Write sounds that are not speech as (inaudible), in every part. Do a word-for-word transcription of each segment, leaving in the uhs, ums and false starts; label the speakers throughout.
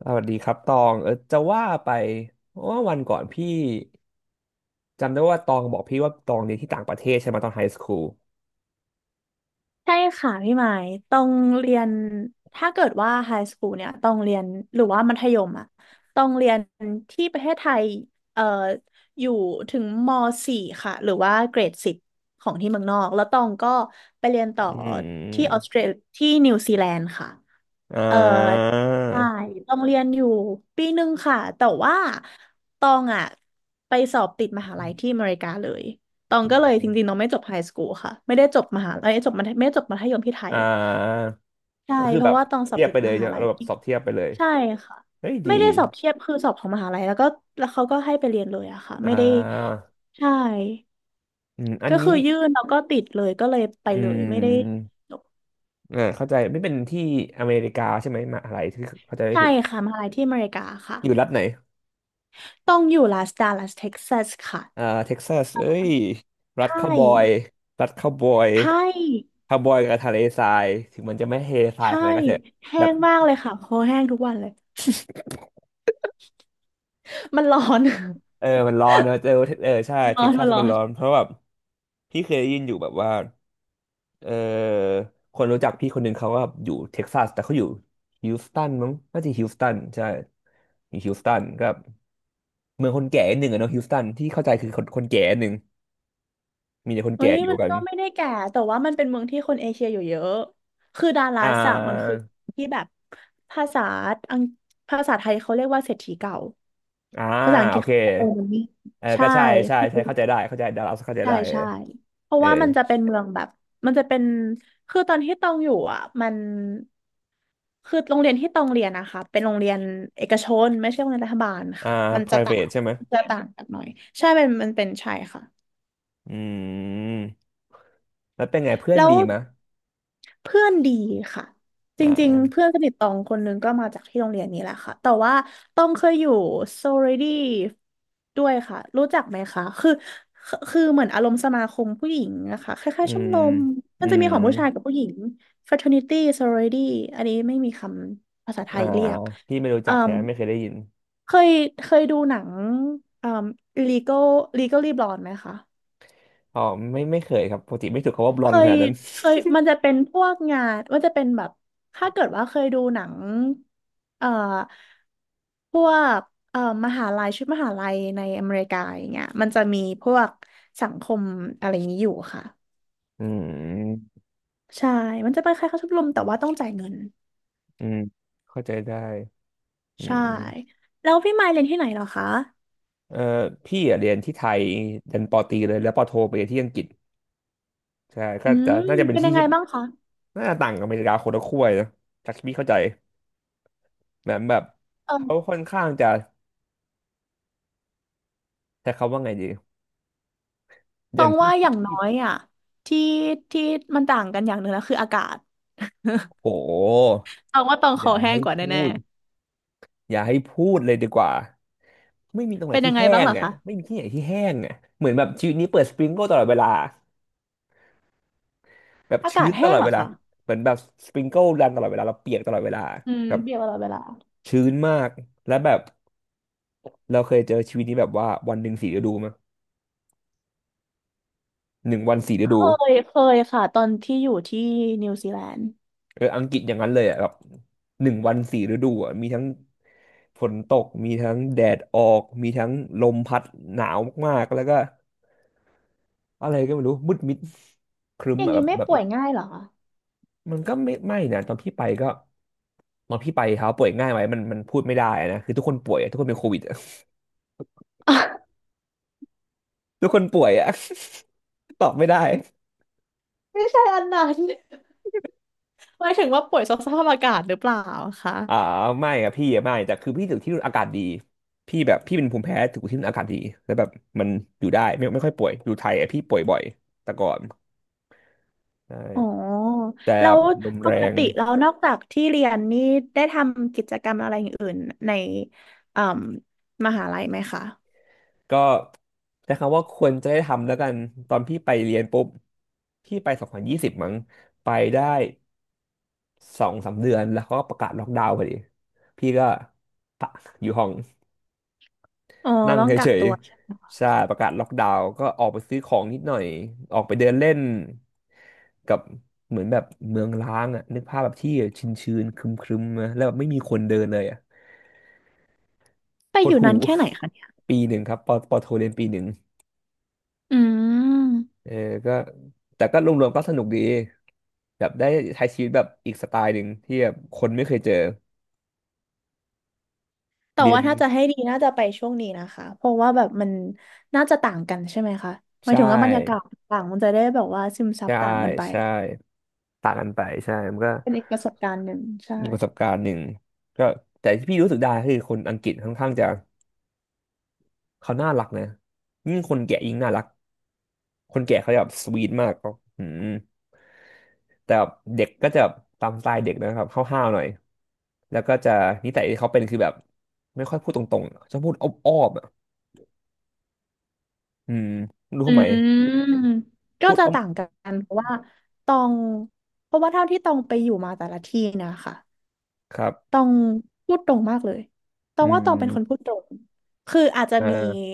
Speaker 1: สวัสดีครับตองเออจะว่าไปว่าวันก่อนพี่จำได้ว่าตองบอกพี่ว่าตองเรียนที่ต่างประเทศใช่ไหมตอนไฮสคูล
Speaker 2: ใช่ค่ะพี่หมายต้องเรียนถ้าเกิดว่าไฮสคูลเนี่ยต้องเรียนหรือว่ามัธยมอ่ะต้องเรียนที่ประเทศไทยเอ่ออยู่ถึงม .สี่ ค่ะหรือว่าเกรดสิบของที่เมืองนอกแล้วตองก็ไปเรียนต่อ
Speaker 1: อื
Speaker 2: ที่ออส
Speaker 1: ม
Speaker 2: เตรที่นิวซีแลนด์ค่ะ
Speaker 1: อ่
Speaker 2: เอ่อ
Speaker 1: า
Speaker 2: ใช่ต้องเรียนอยู่ปีหนึ่งค่ะแต่ว่าตองอ่ะไปสอบติดมหาลัยที่อเมริกาเลย ตองก็เลยจ
Speaker 1: อืม
Speaker 2: ริงๆน้องไม่จบไฮสคูลค่ะไม่ได้จบมหาลัยจบมัธไม่ได้จบมัธยมที่ไทย
Speaker 1: อ่า
Speaker 2: ใช่
Speaker 1: ก็คือ
Speaker 2: เพ
Speaker 1: แบ
Speaker 2: ราะ
Speaker 1: บ
Speaker 2: ว่าตองสอ
Speaker 1: เที
Speaker 2: บ
Speaker 1: ยบ
Speaker 2: ติ
Speaker 1: ไป
Speaker 2: ด
Speaker 1: เล
Speaker 2: ม
Speaker 1: ยใช่
Speaker 2: หา
Speaker 1: ไหม
Speaker 2: ลัย
Speaker 1: เราแบบสอบเทียบไปเลย
Speaker 2: ใช่ค่ะ
Speaker 1: เฮ้ยดี
Speaker 2: ไม่ได้สอบเทียบคือสอบของมหาลัยแล้วก็แล้วเขาก็ให้ไปเรียนเลยอะค่ะ
Speaker 1: อ่
Speaker 2: ไม่ได้
Speaker 1: า
Speaker 2: ใช่
Speaker 1: อืมอัน
Speaker 2: ก็คือ
Speaker 1: นี้
Speaker 2: ยื่นแล้วก็ติดเลยก็เลยไป
Speaker 1: อื
Speaker 2: เลยไม่ได้
Speaker 1: ม
Speaker 2: จบ
Speaker 1: อ่าเข้าใจไม่เป็นที่อเมริกาใช่ไหมมหาอะไรที่เข้าใจไม่
Speaker 2: ใช่
Speaker 1: ผิด
Speaker 2: ค่ะมหาลัยที่อเมริกาค่ะ
Speaker 1: อยู่รัฐไหน
Speaker 2: ต้องอยู่ลาสดาลัสเท็กซัสค่ะ
Speaker 1: อ่าเท็กซัสเอ้ยรั
Speaker 2: ใช
Speaker 1: ฐคาวบอย
Speaker 2: ่
Speaker 1: รัฐคาวบอย
Speaker 2: ใช่
Speaker 1: คาวบอยกับทะเลทรายถึงมันจะไม่เฮทราย
Speaker 2: ใช่
Speaker 1: ขนาดนั้นก็เถอะ
Speaker 2: แห้
Speaker 1: แบบ
Speaker 2: งมากเลยค่ะโคแห้งทุกวันเลยมันร้อน
Speaker 1: เออ
Speaker 2: (laughs)
Speaker 1: มันร้อนเนอะเออเออใช่
Speaker 2: มัน (laughs) ร้
Speaker 1: เท็
Speaker 2: อ
Speaker 1: ก
Speaker 2: น
Speaker 1: ซั
Speaker 2: มั
Speaker 1: ส
Speaker 2: นร้อ
Speaker 1: มัน
Speaker 2: น
Speaker 1: ร้อนเพราะแบบพี่เคยได้ยินอยู่แบบว่าเออคนรู้จักพี่คนหนึ่งเขาก็อยู่เท็กซัสแต่เขาอยู่ฮิวสตันมั้งน่าจะฮิวสตันใช่อยู่ฮิวสตันก็เมืองคนแก่นิดหนึ่งอะเนาะฮิวสตันที่เข้าใจคือคนคนแก่นิดหนึ่งมีแต่คน
Speaker 2: เฮ้
Speaker 1: แก่
Speaker 2: ย
Speaker 1: อยู่
Speaker 2: มัน
Speaker 1: กัน
Speaker 2: ก็ไม่ได้แก่แต่ว่ามันเป็นเมืองที่คนเอเชียอยู่เยอะคือดาลั
Speaker 1: อ่
Speaker 2: สอะมัน
Speaker 1: า
Speaker 2: คือที่แบบภาษาอังภาษาไทยเขาเรียกว่าเศรษฐีเก่า
Speaker 1: อ่า
Speaker 2: ภาษาอังก
Speaker 1: โอ
Speaker 2: ฤษ
Speaker 1: เค
Speaker 2: เขาโอมันนี่
Speaker 1: เออ
Speaker 2: ใช่
Speaker 1: ก็ใช่ใช่
Speaker 2: คือ
Speaker 1: ใช่เข้าใจได้เข้าใจได้เราเข้าใจ
Speaker 2: ใช่
Speaker 1: ได้เออ
Speaker 2: ใช่เพราะ
Speaker 1: เออ
Speaker 2: ว่ามันจะเป็นเมืองแบบมันจะเป็นคือตอนที่ตองอยู่อ่ะมันคือโรงเรียนที่ตองเรียนนะคะเป็นโรงเรียนเอกชนไม่ใช่โรงเรียนรัฐบาล
Speaker 1: อ่า
Speaker 2: ค่ะมันจะต่าง
Speaker 1: ไพรเวท ใช่ไหม
Speaker 2: จะต่างกันหน่อยใช่มันมันเป็นใช่ค่ะ
Speaker 1: อืมแล้วเป็นไงเพื่อน
Speaker 2: แล้ว
Speaker 1: ดีมะ
Speaker 2: เพื่อนดีค่ะจ
Speaker 1: อ่
Speaker 2: ริงๆ
Speaker 1: า
Speaker 2: เพื่อนสนิทตองคนหนึงก็มาจากที่โรงเรียนนี้แหละค่ะแต่ว่าตองเคยอยู่โซเรดี้ด้วยค่ะรู้จักไหมคะคือคือคือเหมือนอารมณ์สมาคมผู้หญิงนะคะคล้า
Speaker 1: อื
Speaker 2: ยๆชม
Speaker 1: ม
Speaker 2: รม
Speaker 1: อื
Speaker 2: มันจะมี
Speaker 1: ม
Speaker 2: ของผู้ชายกับผู้หญิง fraternity sorority อันนี้ไม่มีคำภาษาไท
Speaker 1: อ่า
Speaker 2: ยเรียก
Speaker 1: พี่ไม่รู้
Speaker 2: อื
Speaker 1: จักแท้
Speaker 2: ม
Speaker 1: ไม่เคยได้ยิน
Speaker 2: เคยเคยดูหนังเอ่อ Legal Legally Blonde ไหมคะ
Speaker 1: อ๋อไม่ไม่เคยครับปกติไม่ถูกคำว่าบล
Speaker 2: เค
Speaker 1: อนข
Speaker 2: ย
Speaker 1: นาดนั้น
Speaker 2: เคยมันจะเป็นพวกงานมันจะเป็นแบบถ้าเกิดว่าเคยดูหนังเอ่อพวกเอ่อมหาลัยชุดมหาลัยในอเมริกาอย่างเงี้ยมันจะมีพวกสังคมอะไรอย่างนี้อยู่ค่ะ
Speaker 1: (laughs) อืม
Speaker 2: ใช่มันจะเป็นคล้ายๆชมรมแต่ว่าต้องจ่ายเงิน
Speaker 1: อืมเข้าใจได้อื
Speaker 2: ใช่
Speaker 1: ม
Speaker 2: แล้วพี่มายเรียนที่ไหนเหรอคะ
Speaker 1: เออพี่อะเรียนที่ไทยเรียนปอตรีเลยแล้วปอโทไปเรียนที่อังกฤษใช่ก็
Speaker 2: อื
Speaker 1: จะ
Speaker 2: ม
Speaker 1: น่าจะเป็น
Speaker 2: เป็น
Speaker 1: ที่
Speaker 2: ยังไง
Speaker 1: ที่
Speaker 2: บ้างคะ
Speaker 1: น่าจะต่างกับอเมริกาคนละขั้วเลยนะจากที่พี่เข้าใจเหมือนแบบ
Speaker 2: เอ
Speaker 1: เขา
Speaker 2: อ
Speaker 1: ค่อนข้างจะใช้คำว่าไงดี
Speaker 2: ต
Speaker 1: อ
Speaker 2: ร
Speaker 1: ย่าง
Speaker 2: ง
Speaker 1: ที่
Speaker 2: ว่า
Speaker 1: (laughs)
Speaker 2: อ
Speaker 1: ที่
Speaker 2: ย่างน้อย
Speaker 1: ที่
Speaker 2: อ่ะที่ที่มันต่างกันอย่างหนึ่งแล้วคืออากาศ
Speaker 1: โห
Speaker 2: (laughs) ตรงว่าตรงค
Speaker 1: อ
Speaker 2: อ
Speaker 1: ย่า
Speaker 2: แห้
Speaker 1: ให้
Speaker 2: งกว่า
Speaker 1: พู
Speaker 2: แน่
Speaker 1: ดอย่าให้พูดเลยดีกว่าไม่มีตรง
Speaker 2: ๆ
Speaker 1: ไหน
Speaker 2: เป็นยั
Speaker 1: ที่
Speaker 2: งไง
Speaker 1: แห้
Speaker 2: บ้าง
Speaker 1: ง
Speaker 2: เหรอ
Speaker 1: อ่ะ
Speaker 2: คะ
Speaker 1: ไม่มีที่ไหนที่แห้งอ่ะเหมือนแบบชีวิตนี้เปิดสปริงเกิลตลอดเวลาแบบ
Speaker 2: อา
Speaker 1: ชื้
Speaker 2: กาศ
Speaker 1: นต
Speaker 2: แห้
Speaker 1: ล
Speaker 2: ง
Speaker 1: อด
Speaker 2: เหร
Speaker 1: เว
Speaker 2: อ
Speaker 1: ลา
Speaker 2: คะ
Speaker 1: เหมือนแบบสปริงเกิลรันตลอดเวลาเราเปียกตลอดเวลา
Speaker 2: อืม
Speaker 1: แบบ
Speaker 2: เบียร์ตลอดเวลา
Speaker 1: ชื้นมากและแบบเราเคยเจอชีวิตนี้แบบว่าวันหนึ่งสี่ฤดูมั้ยหนึ่งวันสี่ฤ
Speaker 2: เค
Speaker 1: ดู
Speaker 2: ย เคยค่ะ ตอนที่อยู่ที่นิวซีแลนด์
Speaker 1: เอออังกฤษอย่างนั้นเลยอ่ะแบบหนึ่งวันสี่ฤดูอ่ะมีทั้งฝนตกมีทั้งแดดออกมีทั้งลมพัดหนาวมากๆแล้วก็ อะไรก็ไม่รู้มืดมิดครึ้
Speaker 2: อ
Speaker 1: ม
Speaker 2: ย่าง
Speaker 1: อะแบ
Speaker 2: นี้
Speaker 1: บ
Speaker 2: ไม่
Speaker 1: แบบ
Speaker 2: ป่วยง่ายเหรอคะ
Speaker 1: มันก็ไม่ไม่นะตอนพี่ไปก็ตอนพี่ไปเขาป่วยง่ายไหมมันมันพูดไม่ได้นะคือทุกคนป่วยอะทุกคนเป็นโควิดอะ
Speaker 2: (laughs)
Speaker 1: (laughs) ทุกคนป่วยอะ (laughs) ตอบไม่ได้
Speaker 2: ไม่ใช่อันนั้นหมายถึงว่าป่วยสภาพอากาศหรือเปล่าคะ
Speaker 1: อ่าไม่อะพี่อะไม่แต่คือพี่ถึงที่นู่นอากาศดีพี่แบบพี่เป็นภูมิแพ้ถึงที่นู่นอากาศดีแล้วแบบมันอยู่ได้ไม่ไม่ค่อยป่วยอยู่ไทยอะพี่ป่วยบ่อยแต่ก่อนใช่
Speaker 2: อ๋อ
Speaker 1: แต่
Speaker 2: แล้ว
Speaker 1: ลม
Speaker 2: ป
Speaker 1: แร
Speaker 2: ก
Speaker 1: ง
Speaker 2: ติแล้วนอกจากที่เรียนนี่ ได้ทำกิจกรรมอะไรอย่างอื่นในเอ่มมหาลัยไหมคะ
Speaker 1: ก็ใช้คำว่าควรจะได้ทำแล้วกันตอนพี่ไปเรียนปุ๊บพี่ไปสองพันยี่สิบมั้งไปได้ สองสามเดือนแล้วเขาก็ประกาศล็อกดาวน์พอดีพี่ก็ปะอยู่ห้อง
Speaker 2: อ๋อ
Speaker 1: นั่ง
Speaker 2: ต้องกั
Speaker 1: เฉ
Speaker 2: ก
Speaker 1: ย
Speaker 2: ตัวใช่ไหมคะ
Speaker 1: ๆใช่ประกาศล็อกดาวน์ก็ออกไปซื้อของนิดหน่อย ออกไปเดินเล่นกับเหมือนแบบเมืองร้างอ่ะนึกภาพแบบที่ชื้นๆครึมๆนะแล้วแบบไม่มีคนเดินเลยอ่ะ
Speaker 2: ไป
Speaker 1: โค
Speaker 2: อ
Speaker 1: ตร
Speaker 2: ยู่
Speaker 1: หู
Speaker 2: นานแค่ไหนคะเนี่ย
Speaker 1: (laughs) ปีหนึ่งครับปอปอโทเรียนปีหนึ่ง
Speaker 2: อืม
Speaker 1: เออก็แต่ก็รวมๆก็สนุกดีแบบได้ใช้ชีวิตแบบอีกสไตล์หนึ่งที่แบบคนไม่เคยเจอ
Speaker 2: แต่
Speaker 1: เรีย
Speaker 2: ว่า
Speaker 1: น
Speaker 2: ถ้าจะให้ดีน่าจะไปช่วงนี้นะคะเพราะว่าแบบมันน่าจะต่างกันใช่ไหมคะหมาย
Speaker 1: ใช่
Speaker 2: ถึงว่าบรรยากาศต่างมันจะได้แบบว่าซึมซับ
Speaker 1: ใช่
Speaker 2: ต่างกันไป
Speaker 1: ใช่ต่างกันไปใช่ มันก็
Speaker 2: เป็นอีกประสบการณ์หนึ่งใช่
Speaker 1: มีกประสบการณ์หนึ่งก็แต่ที่พี่รู้สึกได้คือคนอังกฤษค่อนข้างจะเขาน่ารักนะยิ่งคนแก่ยิ่งน่ารักคนแก่เขาจะแบบสวีทมากก็อืมแต่แบบเด็กก็จะแบบตามสไตล์เด็กนะครับห้าวๆหน่อยแล้วก็จะนิสัยที่เขาเป็นคือแบบไม่ค่อยพูดตรงๆอะชอบพูดอ้อมๆอ่ะอืมไรู้
Speaker 2: อื
Speaker 1: ทำไม
Speaker 2: มก็
Speaker 1: พูด
Speaker 2: จะ
Speaker 1: อ้อม
Speaker 2: ต่างกันเพราะว่าตองเพราะว่าเท่าที่ตองไปอยู่มาแต่ละที่นะคะ
Speaker 1: ครั
Speaker 2: ตอ
Speaker 1: บ
Speaker 2: งพูดตรงมากเลยตอ
Speaker 1: อื
Speaker 2: งว่าตองเป็นคนพู
Speaker 1: ม
Speaker 2: ดตรงคืออาจจะ
Speaker 1: อ
Speaker 2: มี
Speaker 1: ่า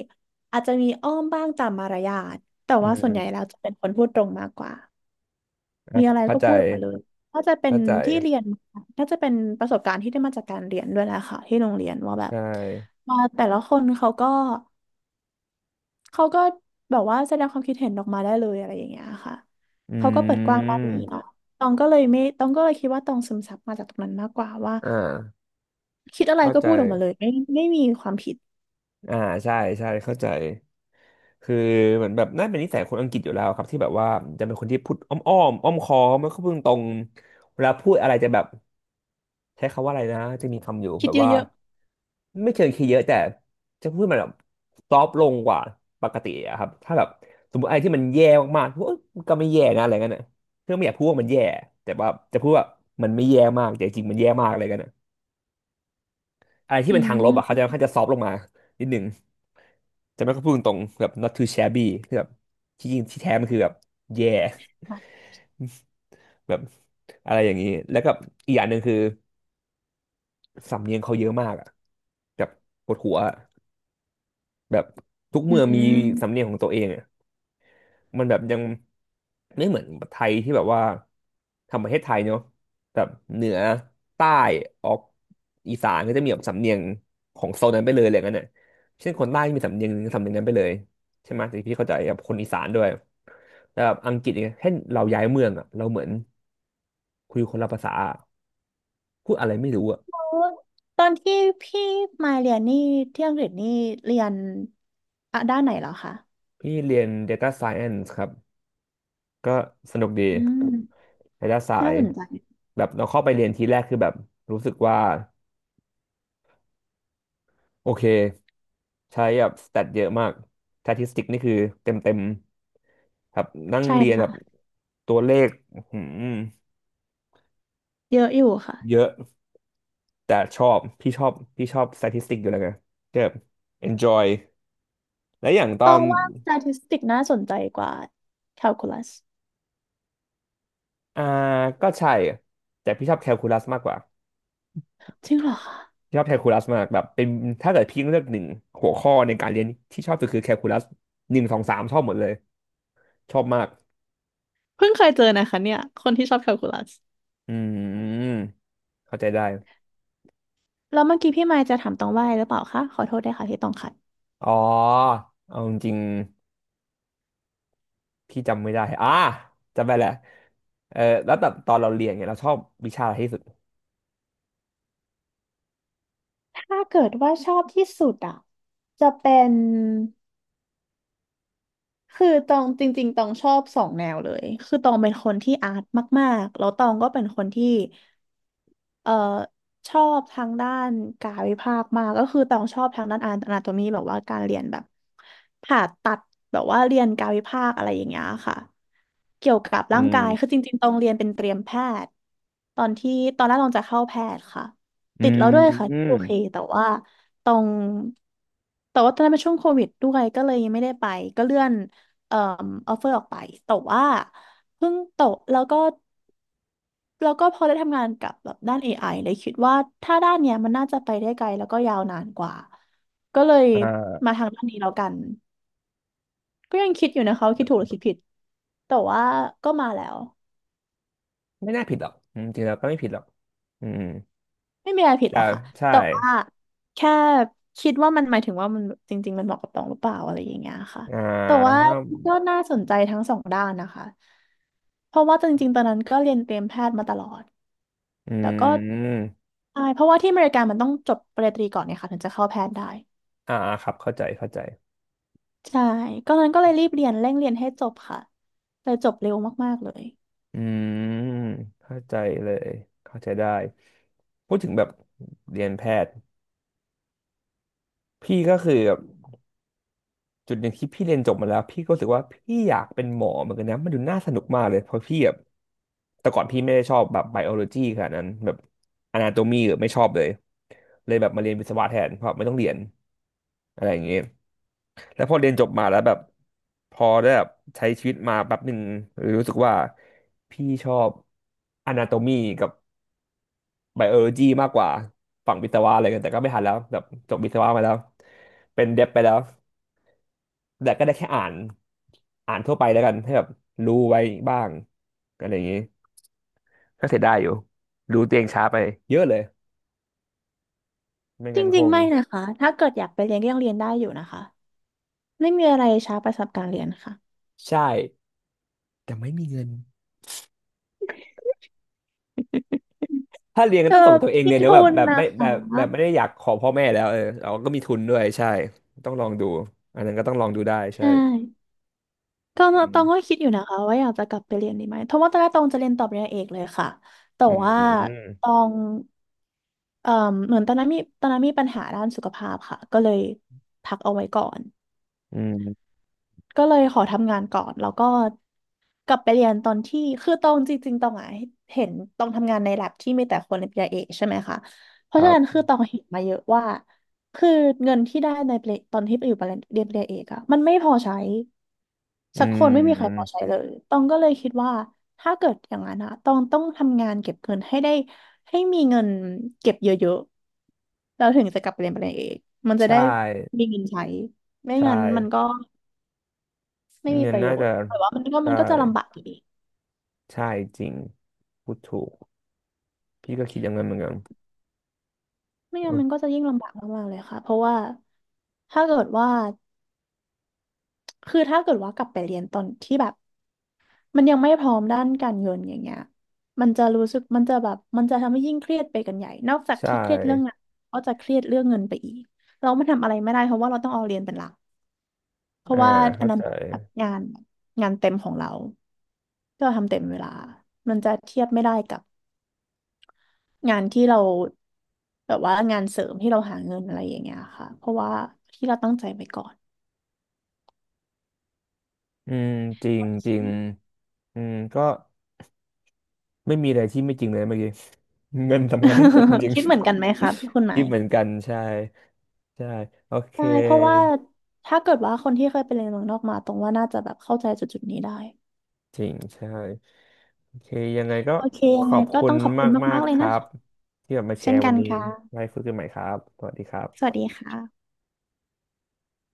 Speaker 2: อาจจะมีอ้อมบ้างตามมารยาทแต่
Speaker 1: อื
Speaker 2: ว่าส่วนใหญ่
Speaker 1: ม
Speaker 2: แล้วจะเป็นคนพูดตรงมากกว่า
Speaker 1: อ่า
Speaker 2: มีอะไร
Speaker 1: เข้า
Speaker 2: ก็
Speaker 1: ใจ
Speaker 2: พูดออกมาเลยน่าจะเป็น
Speaker 1: เข้าใจ
Speaker 2: ที่เรียนมาน่าจะเป็นประสบการณ์ที่ได้มาจากการเรียนด้วยแหละค่ะที่โรงเรียนว่าแบบ
Speaker 1: ใช่
Speaker 2: มาแต่ละคนเขาก็เขาก็แบบว่าแสดงความคิดเห็นออกมาได้เลยอะไรอย่างเงี้ยค่ะ
Speaker 1: อื
Speaker 2: เขาก็เปิดกว้างด้านนี้
Speaker 1: ม
Speaker 2: เนาะตองก็เลยไม่ตองก็เลยคิดว่าตองซึมซับมาจากตรงนั้นมากกว่าว่า
Speaker 1: อ่า
Speaker 2: คิดอะไร
Speaker 1: เข้า
Speaker 2: ก็
Speaker 1: ใจ
Speaker 2: พูดออกมาเลยไม่ไม่มีความผิด
Speaker 1: อ่าใช่ใช่เข้าใจคือเหมือนแบบน่าเป็นนิสัยคนอังกฤษอยู่แล้วครับที่แบบว่าจะเป็นคนที่พูดอ้อมอ้อมอ้อมค้อมไม่ค่อยพูดตรงเวลาพูดอะไรจะแบบใช้คำว่าอะไรนะจะมีคำอยู่
Speaker 2: คิ
Speaker 1: แบ
Speaker 2: ด
Speaker 1: บว่า
Speaker 2: เยอะ
Speaker 1: ไม่เชิงคีย์เยอะแต่จะพูดมันแบบซอฟลงกว่าปกติอะครับถ้าแบบสมมติอะไรที่มันแย่มากๆพูดเอ้ยมันก็ไม่แย่นะอะไรเงี้ยน่ะเพื่อไม่อยากพูดว่ามันแย่แต่ว่าจะพูดว่ามันไม่แย่มากแต่จริงๆมันแย่มากอะไรเงี้ย อะไร
Speaker 2: ๆ
Speaker 1: ที่
Speaker 2: อื
Speaker 1: เป็นทางลบอ่ะเขาจะค่อน
Speaker 2: ม
Speaker 1: ข้างจะซอฟต์ลงมานิดหนึ่งจะไม่ค่อยพูดตรงๆแบบ น็อท ทู แชบบี้ คือแบบที่จริงที่แท้มันคือแบบ เย่ แบบอะไรอย่างนี้แล้วก็อีกอย่างหนึ่งคือสำเนียงเขาเยอะมากอ่ะแบบปวดหัวอะแบบทุก
Speaker 2: อื
Speaker 1: เมืองมีสำเนี
Speaker 2: ม
Speaker 1: ยงของตัวเอง มันแบบยังไม่เหมือนไทยที่แบบว่าทำประเทศไทยเนาะแบบเหนือใต้ออกอีสานก็จะมีแบบสำเนียงของโซนนั้นไปเลยอะไรอย่างนั้นน่ะเช่นคนใต้มีสำเนียงสำเนียงนั้นไปเลยใช่ไหมแต่พี่เข้าใจกับคนอีสานด้วยแต่แบบอังกฤษเนี่ยแค่เราย้ายเมืองอ่ะเราเหมือนคุยคนละภาษาอะพูดอะไรไม่รู้อ่ะ
Speaker 2: ตอนที่พี่มาเรียนนี่ที่อังกฤษนี่เรียนอะด้านไหนเหรอคะ
Speaker 1: พี่เรียน Data Science ครับก็สนุกดี
Speaker 2: อืม
Speaker 1: Data
Speaker 2: น่าสน
Speaker 1: Science
Speaker 2: ใจ
Speaker 1: แบบเราเข้าไปเรียนทีแรกคือแบบรู้สึกว่าโอเค ใช้แบบสแตทเยอะมากสถิติกนี่คือเต็มเต็มครับนั่ง
Speaker 2: ใช่
Speaker 1: เรียนแบบ
Speaker 2: ค่ะ
Speaker 1: ตัวเลขอื้อหือ
Speaker 2: เยอะอยู่ค่ะ
Speaker 1: เยอะแต่ชอบพี่ชอบพี่ชอบสถิติอยู่แล้วไงก็แบบ enjoy และอย่างตอ
Speaker 2: ต้อ
Speaker 1: น
Speaker 2: งว่า เอส ที เอ ที ไอ เอส ที น่าสนใจกว่า Calculus
Speaker 1: อ่าก็ใช่แต่พี่ชอบแคลคูลัสมากกว่า
Speaker 2: จริงเหรอคะ
Speaker 1: พี่ชอบแคลคูลัสมากแบบเป็นถ้าเกิดพี่เลือกหนึ่งหัวข้อในการเรียนที่ชอบสุดคือแคลคูลัสหนึ่งสองสามชอบหมดเลยชอบมาก
Speaker 2: เพิ่งเคยเจอนะคะเนี่ยคนที่ชอบ Calculus
Speaker 1: อืมเข้าใจได้
Speaker 2: แล้วเมื่อกี้พี่มายจะถามตองว่าอะไรหรือเปล่าคะขอโทษด้วยค่ะที่ต้องขัด
Speaker 1: อ๋อเอาจริง พี่จำไม่ได้ อ่าจำไปแหละเออแล้วแต่ตอนเราเรียนเนี่ยเราชอบวิชาอะไรที่สุด
Speaker 2: ถ้าเกิดว่าชอบที่สุดอ่ะจะเป็นคือตองจริงๆตองชอบสองแนวเลยคือตองเป็นคนที่อาร์ตมากๆแล้วตองก็เป็นคนที่ เอ่อชอบทางด้านกายวิภาคมากก็คือต้องชอบทางด้านอนาโตมีแบบว่าการเรียนแบบผ่าตัดแบบว่าเรียนกายวิภาคอะไรอย่างเงี้ยค่ะเกี่ยวกับ
Speaker 1: อื
Speaker 2: ร่าง
Speaker 1: ม
Speaker 2: กายคือจริงๆตรงเรียนเป็นเตรียมแพทย์ตอนที่ตอนแรกตองจะเข้าแพทย์ค่ะ
Speaker 1: อื
Speaker 2: ติด
Speaker 1: ม
Speaker 2: แล้วด้วยค่ะ
Speaker 1: อื
Speaker 2: ที่
Speaker 1: ม
Speaker 2: โอเคแต่ว่าตรงแต่ว่าตอนนั้นเป็นช่วงโควิดด้วยก็เลยยังไม่ได้ไปก็เลื่อนเอ่อออฟเฟอร์ออกไปแต่ว่าเพิ่งตกแล้วก็ แล้วก็พอได้ทำงานกับแบบด้าน เอ ไอ เลยคิดว่าถ้าด้านเนี้ยมันน่าจะไปได้ไกลแล้วก็ยาวนานกว่าก็เลย
Speaker 1: อ่า
Speaker 2: มาทางด้านนี้แล้วกันก็ยังคิดอยู่นะคะว่าคิดถูกหรือคิดผิดแต่ว่าก็มาแล้ว
Speaker 1: ไม่น่าผิดหรอกอืมจริงๆแล้วก็ไม่ผิดหรอกอืม
Speaker 2: ไม่มีอะไรผิด
Speaker 1: แต่
Speaker 2: หรอกค่ะ
Speaker 1: ใช่
Speaker 2: แต่ว่าแค่คิดว่ามันหมายถึงว่ามันจริงๆมันเหมาะกับตองหรือเปล่าอะไรอย่างเงี้ยค่ะ
Speaker 1: อ่
Speaker 2: แต่ว่า
Speaker 1: า
Speaker 2: ก็น่าสนใจทั้งสองด้านนะคะเพราะว่าจริงๆตอนนั้นก็เรียนเตรียมแพทย์มาตลอด
Speaker 1: อื
Speaker 2: แต่ก็
Speaker 1: ม
Speaker 2: ใช่เพราะว่าที่อเมริกามันต้องจบปริญญาตรีก่อนเนี่ยค่ะถึงจะเข้าแพทย์ได้
Speaker 1: อ่า ครับเข้าใจ เข้าใจ
Speaker 2: ใช่ก็นั้นก็เลยรีบเรียนเร่งเรียนให้จบค่ะเลยจบเร็วมากๆเลย
Speaker 1: อืมเข้าใจเลย เข้าใจได้ พูดถึงแบบเรียนแพทย์ พี่ก็คือแบบ จุดหนึ่งที่พี่เรียนจบมาแล้วพี่ก็รู้สึกว่าพี่อยากเป็นหมอเหมือนกันนะมันดูน่าสนุกมากเลยเพราะพี่แบบแต่ก่อนพี่ไม่ได้ชอบแบบไบโอโลจีขนาดนั้นแบบอนาโตมีไม่ชอบเลยเลยแบบมาเรียนวิศวะแทนเพราะไม่ต้องเรียนอะไรอย่างเงี้ยแล้วพอเรียนจบมาแล้วแบบพอได้แบบใช้ชีวิตมาแป๊บหนึ่งรู้สึกว่าพี่ชอบอนาโตมีกับไบโอโลจีมากกว่าฝั่งวิศวะอะไรกันแต่ก็ไม่ทันแล้วแบบจบวิศวะมาแล้วเป็นเด็บไปแล้ว แต่ก็ได้แค่อ่านอ่านทั่วไปแล้วกันให้แบบรู้ไว้บ้างอะไรอย่างนี้ก็เสียดายอยู่รู้ตัวเองช้าไปเยอะเลยไม่
Speaker 2: จ
Speaker 1: งั้นค
Speaker 2: ริงๆ
Speaker 1: ง
Speaker 2: ไม่นะคะถ้าเกิดอยากไปเรียนก็ยังเรียนได้อยู่นะคะไม่มีอะไรช้าไปสำหรับการเรียนค่ะ
Speaker 1: ใช่แต่ไม่มีเงินถ้าเรียนก็
Speaker 2: เออ
Speaker 1: ต้องส่งตัวเอง
Speaker 2: มี
Speaker 1: เรียนเนอะ
Speaker 2: ทุ
Speaker 1: แบบ
Speaker 2: น
Speaker 1: แบบ
Speaker 2: นะ
Speaker 1: ไม่
Speaker 2: คะ
Speaker 1: แบบแบบไม่ได้อยากขอพ่อแม่แล้วเออเราก็มีทุนด้วยใช่ต้องลองดูอันนั้นก็ต้องลองดูได้ใช่
Speaker 2: ใช่ก็
Speaker 1: อืม
Speaker 2: ตองก็คิดอยู่นะคะว่าอยากจะกลับไปเรียนดีไหมเพราะว่าตอนแรกตองจะเรียนต่อปริญญาเอกเลยค่ะแต่
Speaker 1: อื
Speaker 2: ว่าตอ
Speaker 1: ม
Speaker 2: งเอ่อเหมือนตอนนั้นมีตอนนั้นมีปัญหาด้านสุขภาพค่ะก็เลยพักเอาไว้ก่อน
Speaker 1: อืม
Speaker 2: ก็เลยขอทำงานก่อนแล้วก็กลับไปเรียนตอนที่คือตองจริงๆตองอ่ะเห็นตองทำงานใน แอล เอ บี ที่มีแต่คนปริญญาเอกใช่ไหมคะเพ
Speaker 1: ค
Speaker 2: ราะฉะ
Speaker 1: รับ
Speaker 2: นั้นคือตองเห็นมาเยอะว่าคือเงินที่ได้ในปริตอนที่ไปอยู่เรียนปริญญาเอกอะมันไม่พอใช้
Speaker 1: อื
Speaker 2: สักคนไม่มีใครพอ
Speaker 1: ม
Speaker 2: ใช้เลยตองก็เลยคิดว่าถ้าเกิดอย่างนั้นอะตองต้องทำงานเก็บเงินให้ได้ให้มีเงินเก็บเยอะๆแล้วถึงจะกลับไปเรียนปริญญาเอกมันจะได้
Speaker 1: ใช่
Speaker 2: มีเงินใช้ไม่งั้น
Speaker 1: ใช่
Speaker 2: มันก็ ไม่มี
Speaker 1: เงิ
Speaker 2: ป
Speaker 1: น
Speaker 2: ระโย
Speaker 1: น่า
Speaker 2: ช
Speaker 1: จะ
Speaker 2: น์แต่ว่ามันก็มั
Speaker 1: ใช่
Speaker 2: นก็จะลำบากอยู่ดี
Speaker 1: ใช่จริงพูดถูก พี่ก็คิดอย่างนั้นเหมือนกัน
Speaker 2: ไม่
Speaker 1: โอ
Speaker 2: งั้นมันก็
Speaker 1: เค
Speaker 2: จะยิ่งลำบากมากๆเลยค่ะเพราะว่าถ้าเกิดว่าคือถ้าเกิดว่ากลับไปเรียนตอนที่แบบมันยังไม่พร้อมด้านการเงินอย่างเงี้ยมันจะรู้สึกมันจะแบบมันจะทำให้ยิ่งเครียดไปกันใหญ่นอกจาก
Speaker 1: ใช่
Speaker 2: ที่เครียดเรื่องงานก็จะเครียดเรื่องเงินไปอีกเราไม่ทำอะไรไม่ได้เพราะว่าเราต้องเอาเรียนเป็นหลักเพราะ
Speaker 1: อ่า
Speaker 2: ว่าอั
Speaker 1: เข้า
Speaker 2: นนั้น
Speaker 1: ใจ
Speaker 2: แบบงานงานเต็มของเราที่เราทำเต็มเวลามันจะเทียบไม่ได้กับ งานที่เราแบบว่างานเสริมที่เราหาเงินอะไรอย่างเงี้ยค่ะเพราะว่าที่เราตั้งใจไปก่อน
Speaker 1: อืมจริงจริงอืมก็ไม่มีอะไรที่ไม่จริงเลยเมื่อกี้เงินสำคัญที่สุดจริง
Speaker 2: (laughs) คิ
Speaker 1: ๆ
Speaker 2: ดเหมือนกันไหมคะพี่คุณหมา
Speaker 1: คิด
Speaker 2: ย
Speaker 1: เหมือนกันใช่ใช่โอเค
Speaker 2: ใช่เพราะว่าถ้าเกิดว่าคนที่เคยไปเรียนเมืองนอกมาตรงว่าน่าจะแบบเข้าใจจุดจุดนี้ได้
Speaker 1: จริงใช่โอเคยังไงก็
Speaker 2: โอเค
Speaker 1: ข
Speaker 2: ยัง
Speaker 1: อ
Speaker 2: ไง
Speaker 1: บ
Speaker 2: ก็
Speaker 1: คุ
Speaker 2: ต้
Speaker 1: ณ
Speaker 2: องขอบคุณ
Speaker 1: มา
Speaker 2: มา
Speaker 1: ก
Speaker 2: กๆเล
Speaker 1: ๆค
Speaker 2: ย
Speaker 1: รั
Speaker 2: นะ
Speaker 1: บ
Speaker 2: คะ
Speaker 1: ที่แบบมาแช
Speaker 2: เช่น
Speaker 1: ร์
Speaker 2: กั
Speaker 1: วัน
Speaker 2: น
Speaker 1: นี้
Speaker 2: ค
Speaker 1: ไว้
Speaker 2: ่ะ
Speaker 1: คุยกันใหม่ครับสวัสดีครั
Speaker 2: สวัส
Speaker 1: บ
Speaker 2: ดีค่ะ